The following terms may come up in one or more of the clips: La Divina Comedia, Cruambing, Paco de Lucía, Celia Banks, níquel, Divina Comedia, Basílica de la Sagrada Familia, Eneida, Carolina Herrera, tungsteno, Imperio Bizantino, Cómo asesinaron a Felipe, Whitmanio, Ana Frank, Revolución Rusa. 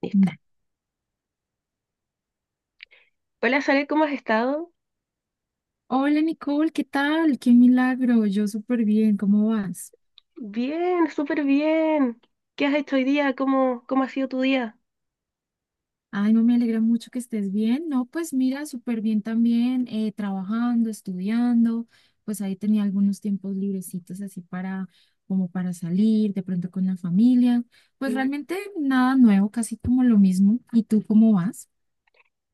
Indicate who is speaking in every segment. Speaker 1: Listo.
Speaker 2: Nah.
Speaker 1: Hola, Sale, ¿cómo has estado?
Speaker 2: Hola Nicole, ¿qué tal? Qué milagro, yo súper bien, ¿cómo vas?
Speaker 1: Bien, súper bien. ¿Qué has hecho hoy día? ¿Cómo ha sido tu día?
Speaker 2: Ay, no me alegra mucho que estés bien. No, pues mira, súper bien también, trabajando, estudiando, pues ahí tenía algunos tiempos librecitos así para, como para salir, de pronto con la familia. Pues
Speaker 1: Mm.
Speaker 2: realmente nada nuevo, casi como lo mismo. ¿Y tú cómo vas?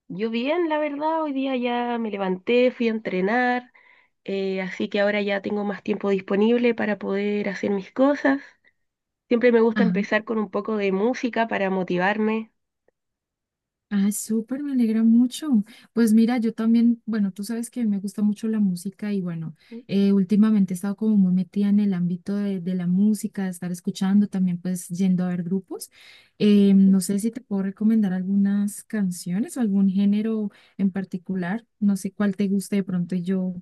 Speaker 1: Yo bien, la verdad, hoy día ya me levanté, fui a entrenar, así que ahora ya tengo más tiempo disponible para poder hacer mis cosas. Siempre me gusta empezar con un poco de música para motivarme.
Speaker 2: Ah, súper, me alegra mucho. Pues mira, yo también, bueno, tú sabes que me gusta mucho la música y bueno, últimamente he estado como muy metida en el ámbito de la música, de estar escuchando, también pues yendo a ver grupos.
Speaker 1: Ujú.
Speaker 2: No sé si te puedo recomendar algunas canciones o algún género en particular, no sé cuál te guste de pronto y yo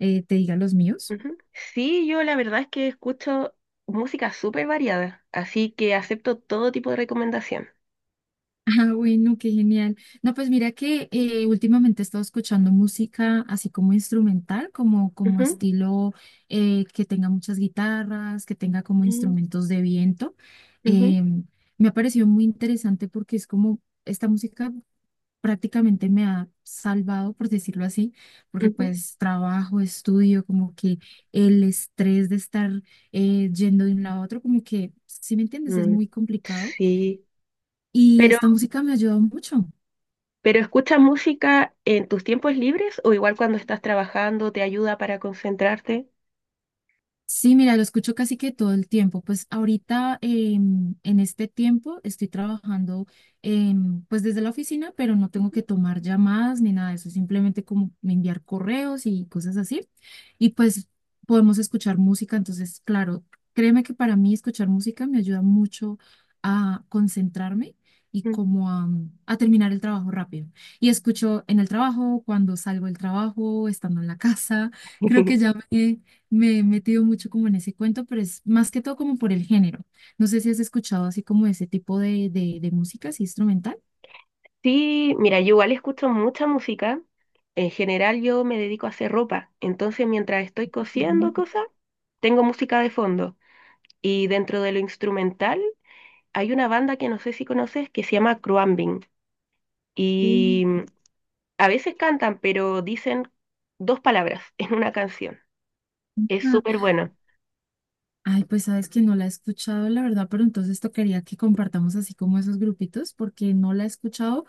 Speaker 2: te diga los míos.
Speaker 1: Ujú. Sí, yo la verdad es que escucho música súper variada, así que acepto todo tipo de recomendación.
Speaker 2: Ah, bueno, qué genial. No, pues mira que últimamente he estado escuchando música así como instrumental, como
Speaker 1: Ujú.
Speaker 2: estilo que tenga muchas guitarras, que tenga como
Speaker 1: Mm,
Speaker 2: instrumentos de viento.
Speaker 1: ujú,
Speaker 2: Eh, me ha parecido muy interesante porque es como esta música prácticamente me ha salvado, por decirlo así, porque
Speaker 1: ujú.
Speaker 2: pues trabajo, estudio, como que el estrés de estar yendo de un lado a otro, como que, si me entiendes, es
Speaker 1: Mm,
Speaker 2: muy complicado.
Speaker 1: sí,
Speaker 2: Y
Speaker 1: pero,
Speaker 2: esta música me ha ayudado mucho.
Speaker 1: pero ¿escuchas música en tus tiempos libres o igual cuando estás trabajando te ayuda para concentrarte?
Speaker 2: Sí, mira, lo escucho casi que todo el tiempo. Pues ahorita en este tiempo estoy trabajando pues desde la oficina, pero no tengo que tomar llamadas ni nada de eso, simplemente como enviar correos y cosas así. Y pues podemos escuchar música, entonces, claro, créeme que para mí escuchar música me ayuda mucho a concentrarme y
Speaker 1: Mm.
Speaker 2: como a terminar el trabajo rápido. Y escucho en el trabajo, cuando salgo del trabajo, estando en la casa. Creo que ya me he metido mucho como en ese cuento, pero es más que todo como por el género. No sé si has escuchado así como ese tipo de música, así instrumental.
Speaker 1: Sí, mira, yo igual escucho mucha música. En general yo me dedico a hacer ropa, entonces mientras estoy cosiendo cosas, tengo música de fondo. Y dentro de lo instrumental hay una banda que no sé si conoces que se llama Cruambing. Y mm,
Speaker 2: Ujú.
Speaker 1: a veces cantan, pero dicen dos palabras en una canción. Es súper bueno.
Speaker 2: Ay, pues sabes que no la he escuchado, la verdad, pero entonces esto quería que compartamos así como esos grupitos, porque no la he escuchado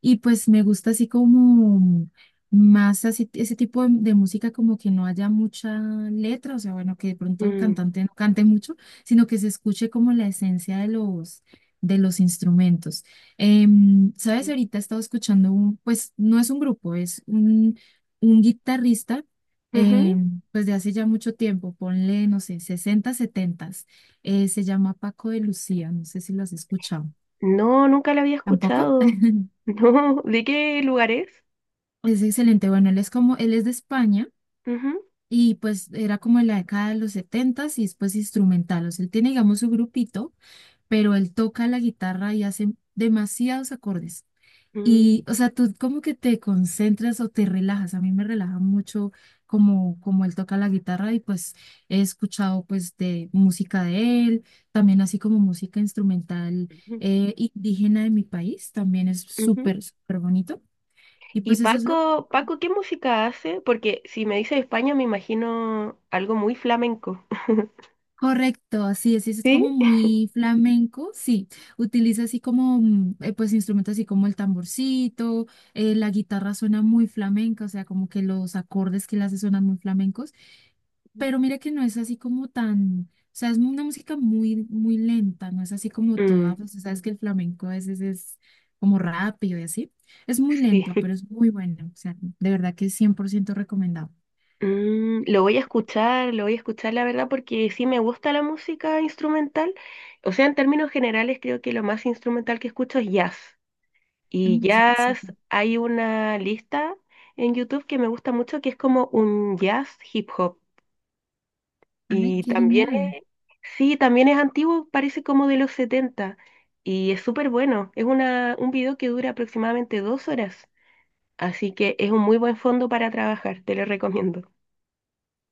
Speaker 2: y pues me gusta así como más así, ese tipo de música como que no haya mucha letra, o sea, bueno, que de pronto el
Speaker 1: Mm,
Speaker 2: cantante no cante mucho, sino que se escuche como la esencia de los instrumentos. Sabes, ahorita he estado escuchando un, pues no es un grupo, es un guitarrista eh,
Speaker 1: ujú.
Speaker 2: pues de hace ya mucho tiempo, ponle, no sé, 60 70, se llama Paco de Lucía, no sé si lo has escuchado.
Speaker 1: No, nunca la había
Speaker 2: ¿Tampoco?
Speaker 1: escuchado. No, ¿de qué lugar es?
Speaker 2: Es excelente. Bueno, él es de España
Speaker 1: Ujú,
Speaker 2: y pues era como en la década de los 70 y después instrumental. O sea, él tiene, digamos, su grupito, pero él toca la guitarra y hace demasiados acordes.
Speaker 1: mm,
Speaker 2: Y, o sea, tú como que te concentras o te relajas. A mí me relaja mucho como él toca la guitarra y pues he escuchado pues de música de él, también así como música instrumental
Speaker 1: ujú,
Speaker 2: indígena de mi país, también es
Speaker 1: ujú.
Speaker 2: súper, súper bonito. Y
Speaker 1: Y
Speaker 2: pues eso es lo
Speaker 1: Paco, ¿qué música hace? Porque si me dice España, me imagino algo muy flamenco.
Speaker 2: correcto, así es, si es
Speaker 1: ¿Sí?
Speaker 2: como muy flamenco, sí. Utiliza así como, pues instrumentos así como el tamborcito, la guitarra suena muy flamenca, o sea, como que los acordes que le hace suenan muy flamencos. Pero mira que no es así como tan, o sea, es una música muy, muy lenta, no es así como
Speaker 1: Mm,
Speaker 2: toda, pues, sabes que el flamenco a veces es como rápido y así. Es muy lento,
Speaker 1: sí.
Speaker 2: pero es muy bueno, o sea, de verdad que es 100% recomendado.
Speaker 1: Mm, lo voy a escuchar, lo voy a escuchar, la verdad, porque sí me gusta la música instrumental. O sea, en términos generales, creo que lo más instrumental que escucho es jazz. Y
Speaker 2: Mm, ya,
Speaker 1: jazz,
Speaker 2: súper.
Speaker 1: hay una lista en YouTube que me gusta mucho que es como un jazz hip hop.
Speaker 2: Ay,
Speaker 1: Y
Speaker 2: qué
Speaker 1: también
Speaker 2: genial.
Speaker 1: sí, también es antiguo, parece como de los setenta. Y es súper bueno. Es un video que dura aproximadamente dos horas. Así que es un muy buen fondo para trabajar, te lo recomiendo.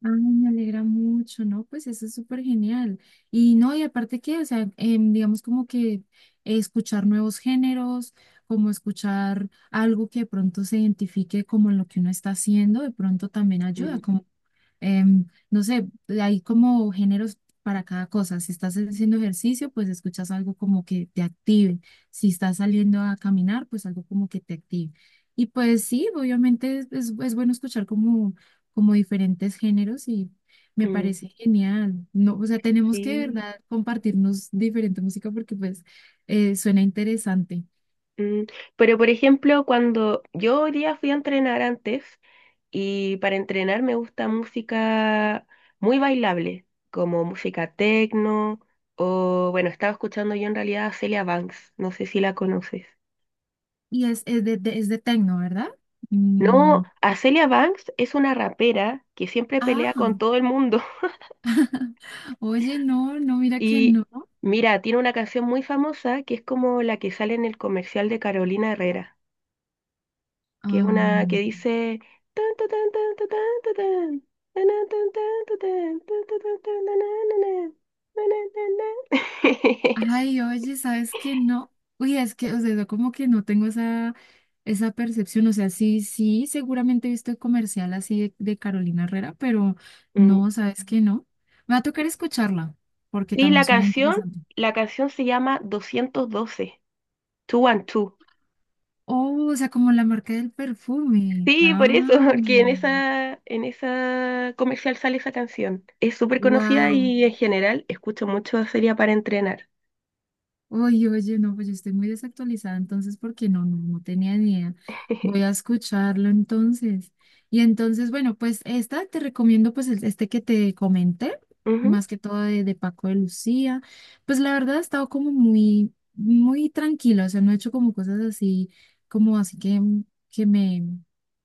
Speaker 2: Ay, me alegra mucho, ¿no? Pues eso es súper genial. Y no, y aparte que, o sea, digamos como que escuchar nuevos géneros, como escuchar algo que de pronto se identifique como lo que uno está haciendo, de pronto también
Speaker 1: Mm,
Speaker 2: ayuda, como, no sé, hay como géneros para cada cosa. Si estás haciendo ejercicio, pues escuchas algo como que te active. Si estás saliendo a caminar, pues algo como que te active. Y pues sí, obviamente es bueno escuchar como diferentes géneros y me
Speaker 1: mm,
Speaker 2: parece genial. No, o sea, tenemos que de
Speaker 1: sí,
Speaker 2: verdad compartirnos diferente música porque pues suena interesante.
Speaker 1: mm. Pero por ejemplo, cuando yo hoy día fui a entrenar antes. Y para entrenar me gusta música muy bailable, como música techno o, bueno, estaba escuchando yo en realidad a Celia Banks, no sé si la conoces.
Speaker 2: Y es de, es de tecno, ¿verdad?
Speaker 1: No,
Speaker 2: Mm,
Speaker 1: a Celia Banks es una rapera que siempre pelea
Speaker 2: ah,
Speaker 1: con todo el mundo.
Speaker 2: oye, no, no, mira que
Speaker 1: Y
Speaker 2: no.
Speaker 1: mira, tiene una canción muy famosa que es como la que sale en el comercial de Carolina Herrera, que es
Speaker 2: Ah,
Speaker 1: una que dice... "Tan, tan, tan, tan, tan, tan, tan, tan, tan, tan, tan, tan, tan, tan, tan, tan, tan, tan, tan, tan, tan".
Speaker 2: ay, oye, ¿sabes qué? No, uy, es que, o sea, yo como que no tengo esa percepción, o sea, sí, sí, seguramente he visto el comercial así de Carolina Herrera, pero
Speaker 1: Mm.
Speaker 2: no, ¿sabes qué? No. Me va a tocar escucharla, porque
Speaker 1: Sí,
Speaker 2: también suena interesante.
Speaker 1: la canción se llama 212, 212.
Speaker 2: Oh, o sea, como la marca del perfume.
Speaker 1: Sí, por
Speaker 2: Ah,
Speaker 1: eso, porque en en esa comercial sale esa canción. Es súper conocida
Speaker 2: wow.
Speaker 1: y en general escucho mucho Sería para entrenar.
Speaker 2: Oye, oye, no, pues yo estoy muy desactualizada entonces porque no, no, no tenía ni idea. Voy a escucharlo entonces. Y entonces, bueno, pues esta te recomiendo pues este que te comenté,
Speaker 1: Ujú,
Speaker 2: más que todo de Paco de Lucía. Pues la verdad he estado como muy, muy tranquila, o sea, no he hecho como cosas así, como así que me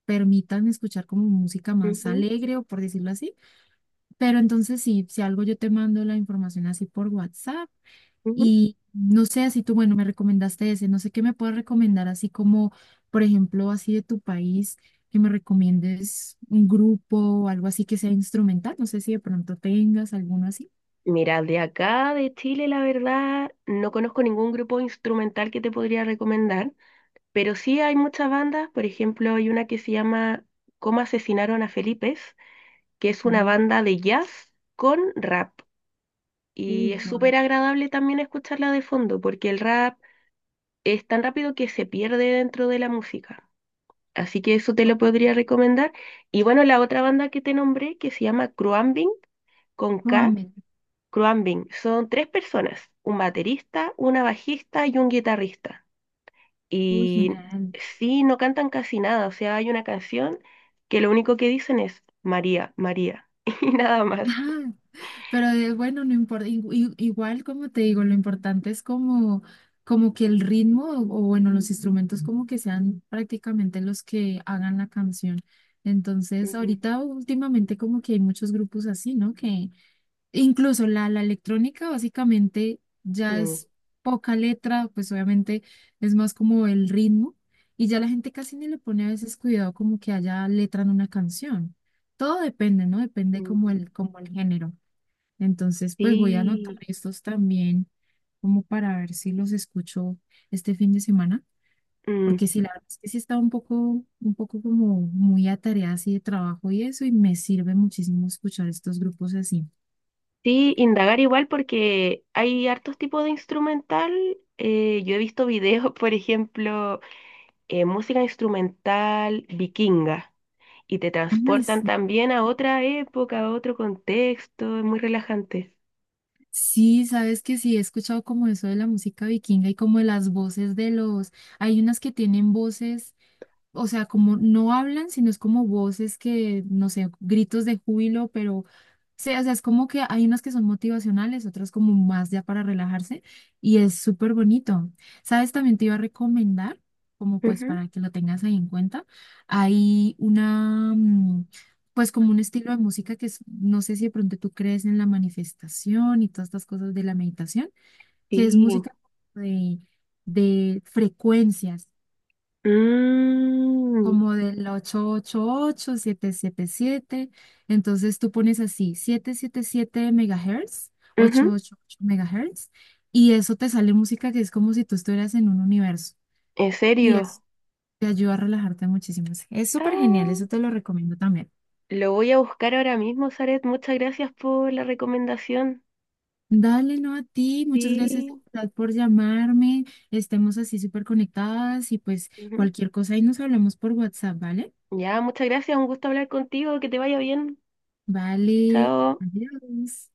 Speaker 2: permitan escuchar como música más
Speaker 1: ujú,
Speaker 2: alegre o por decirlo así. Pero entonces sí, si algo yo te mando la información así por WhatsApp
Speaker 1: ujú.
Speaker 2: y no sé, así tú, bueno, me recomendaste ese, no sé qué me puedes recomendar, así como, por ejemplo, así de tu país, que me recomiendes un grupo o algo así que sea instrumental, no sé si de pronto tengas alguno así.
Speaker 1: Mira, de acá, de Chile, la verdad, no conozco ningún grupo instrumental que te podría recomendar, pero sí hay muchas bandas, por ejemplo, hay una que se llama Cómo asesinaron a Felipe, que es una
Speaker 2: Fútbol,
Speaker 1: banda de jazz con rap. Y es
Speaker 2: fútbol.
Speaker 1: súper agradable también escucharla de fondo, porque el rap es tan rápido que se pierde dentro de la música. Así que eso te lo podría recomendar. Y bueno, la otra banda que te nombré, que se llama Cruambing, con K,
Speaker 2: Ramen,
Speaker 1: Cruambing, son tres personas, un baterista, una bajista y un guitarrista.
Speaker 2: uy,
Speaker 1: Y
Speaker 2: genial.
Speaker 1: sí, no cantan casi nada, o sea, hay una canción que lo único que dicen es María, María, y nada más.
Speaker 2: Pero bueno, no importa, igual como te digo, lo importante es como que el ritmo bueno, los instrumentos como que sean prácticamente los que hagan la canción. Entonces,
Speaker 1: Mm,
Speaker 2: ahorita últimamente como que hay muchos grupos así, ¿no? Que incluso la electrónica básicamente ya
Speaker 1: mm.
Speaker 2: es poca letra, pues obviamente es más como el ritmo y ya la gente casi ni le pone a veces cuidado como que haya letra en una canción. Todo depende, ¿no? Depende como
Speaker 1: Mm,
Speaker 2: el, como el género. Entonces, pues voy a anotar
Speaker 1: sí,
Speaker 2: estos también como para ver si los escucho este fin de semana,
Speaker 1: mm,
Speaker 2: porque sí, la verdad es que sí estaba un poco como muy atareada así de trabajo y eso, y me sirve muchísimo escuchar estos grupos así.
Speaker 1: sí, indagar igual porque hay hartos tipos de instrumental. Yo he visto videos, por ejemplo, música instrumental vikinga y te
Speaker 2: Ay,
Speaker 1: transportan
Speaker 2: sí,
Speaker 1: también a otra época, a otro contexto, es muy relajante.
Speaker 2: sí, sabes que sí, he escuchado como eso de la música vikinga y como de las voces de los, hay unas que tienen voces, o sea, como no hablan, sino es como voces que, no sé, gritos de júbilo, pero sí, o sea, es como que hay unas que son motivacionales, otras como más ya para relajarse, y es súper bonito. ¿Sabes? También te iba a recomendar, como pues
Speaker 1: Ujú,
Speaker 2: para que lo tengas ahí en cuenta, hay una, pues como un estilo de música que es, no sé si de pronto tú crees en la manifestación y todas estas cosas de la meditación, que es
Speaker 1: sí.
Speaker 2: música de... de frecuencias
Speaker 1: Mm,
Speaker 2: como del 888, siete. Entonces tú pones así 777 MHz,
Speaker 1: ujú,
Speaker 2: 888 MHz, y eso te sale música que es como si tú estuvieras en un universo.
Speaker 1: ¿en
Speaker 2: Y
Speaker 1: serio?
Speaker 2: eso te ayuda a relajarte muchísimo. Es súper genial,
Speaker 1: Ah,
Speaker 2: eso te lo recomiendo también.
Speaker 1: lo voy a buscar ahora mismo, Saret. Muchas gracias por la recomendación.
Speaker 2: Dale, no a ti, muchas gracias
Speaker 1: Sí.
Speaker 2: de verdad, por llamarme. Estemos así súper conectadas y pues
Speaker 1: Ujú.
Speaker 2: cualquier cosa ahí nos hablamos por WhatsApp, ¿vale?
Speaker 1: Ya, muchas gracias, un gusto hablar contigo, que te vaya bien.
Speaker 2: Vale,
Speaker 1: Chao.
Speaker 2: adiós.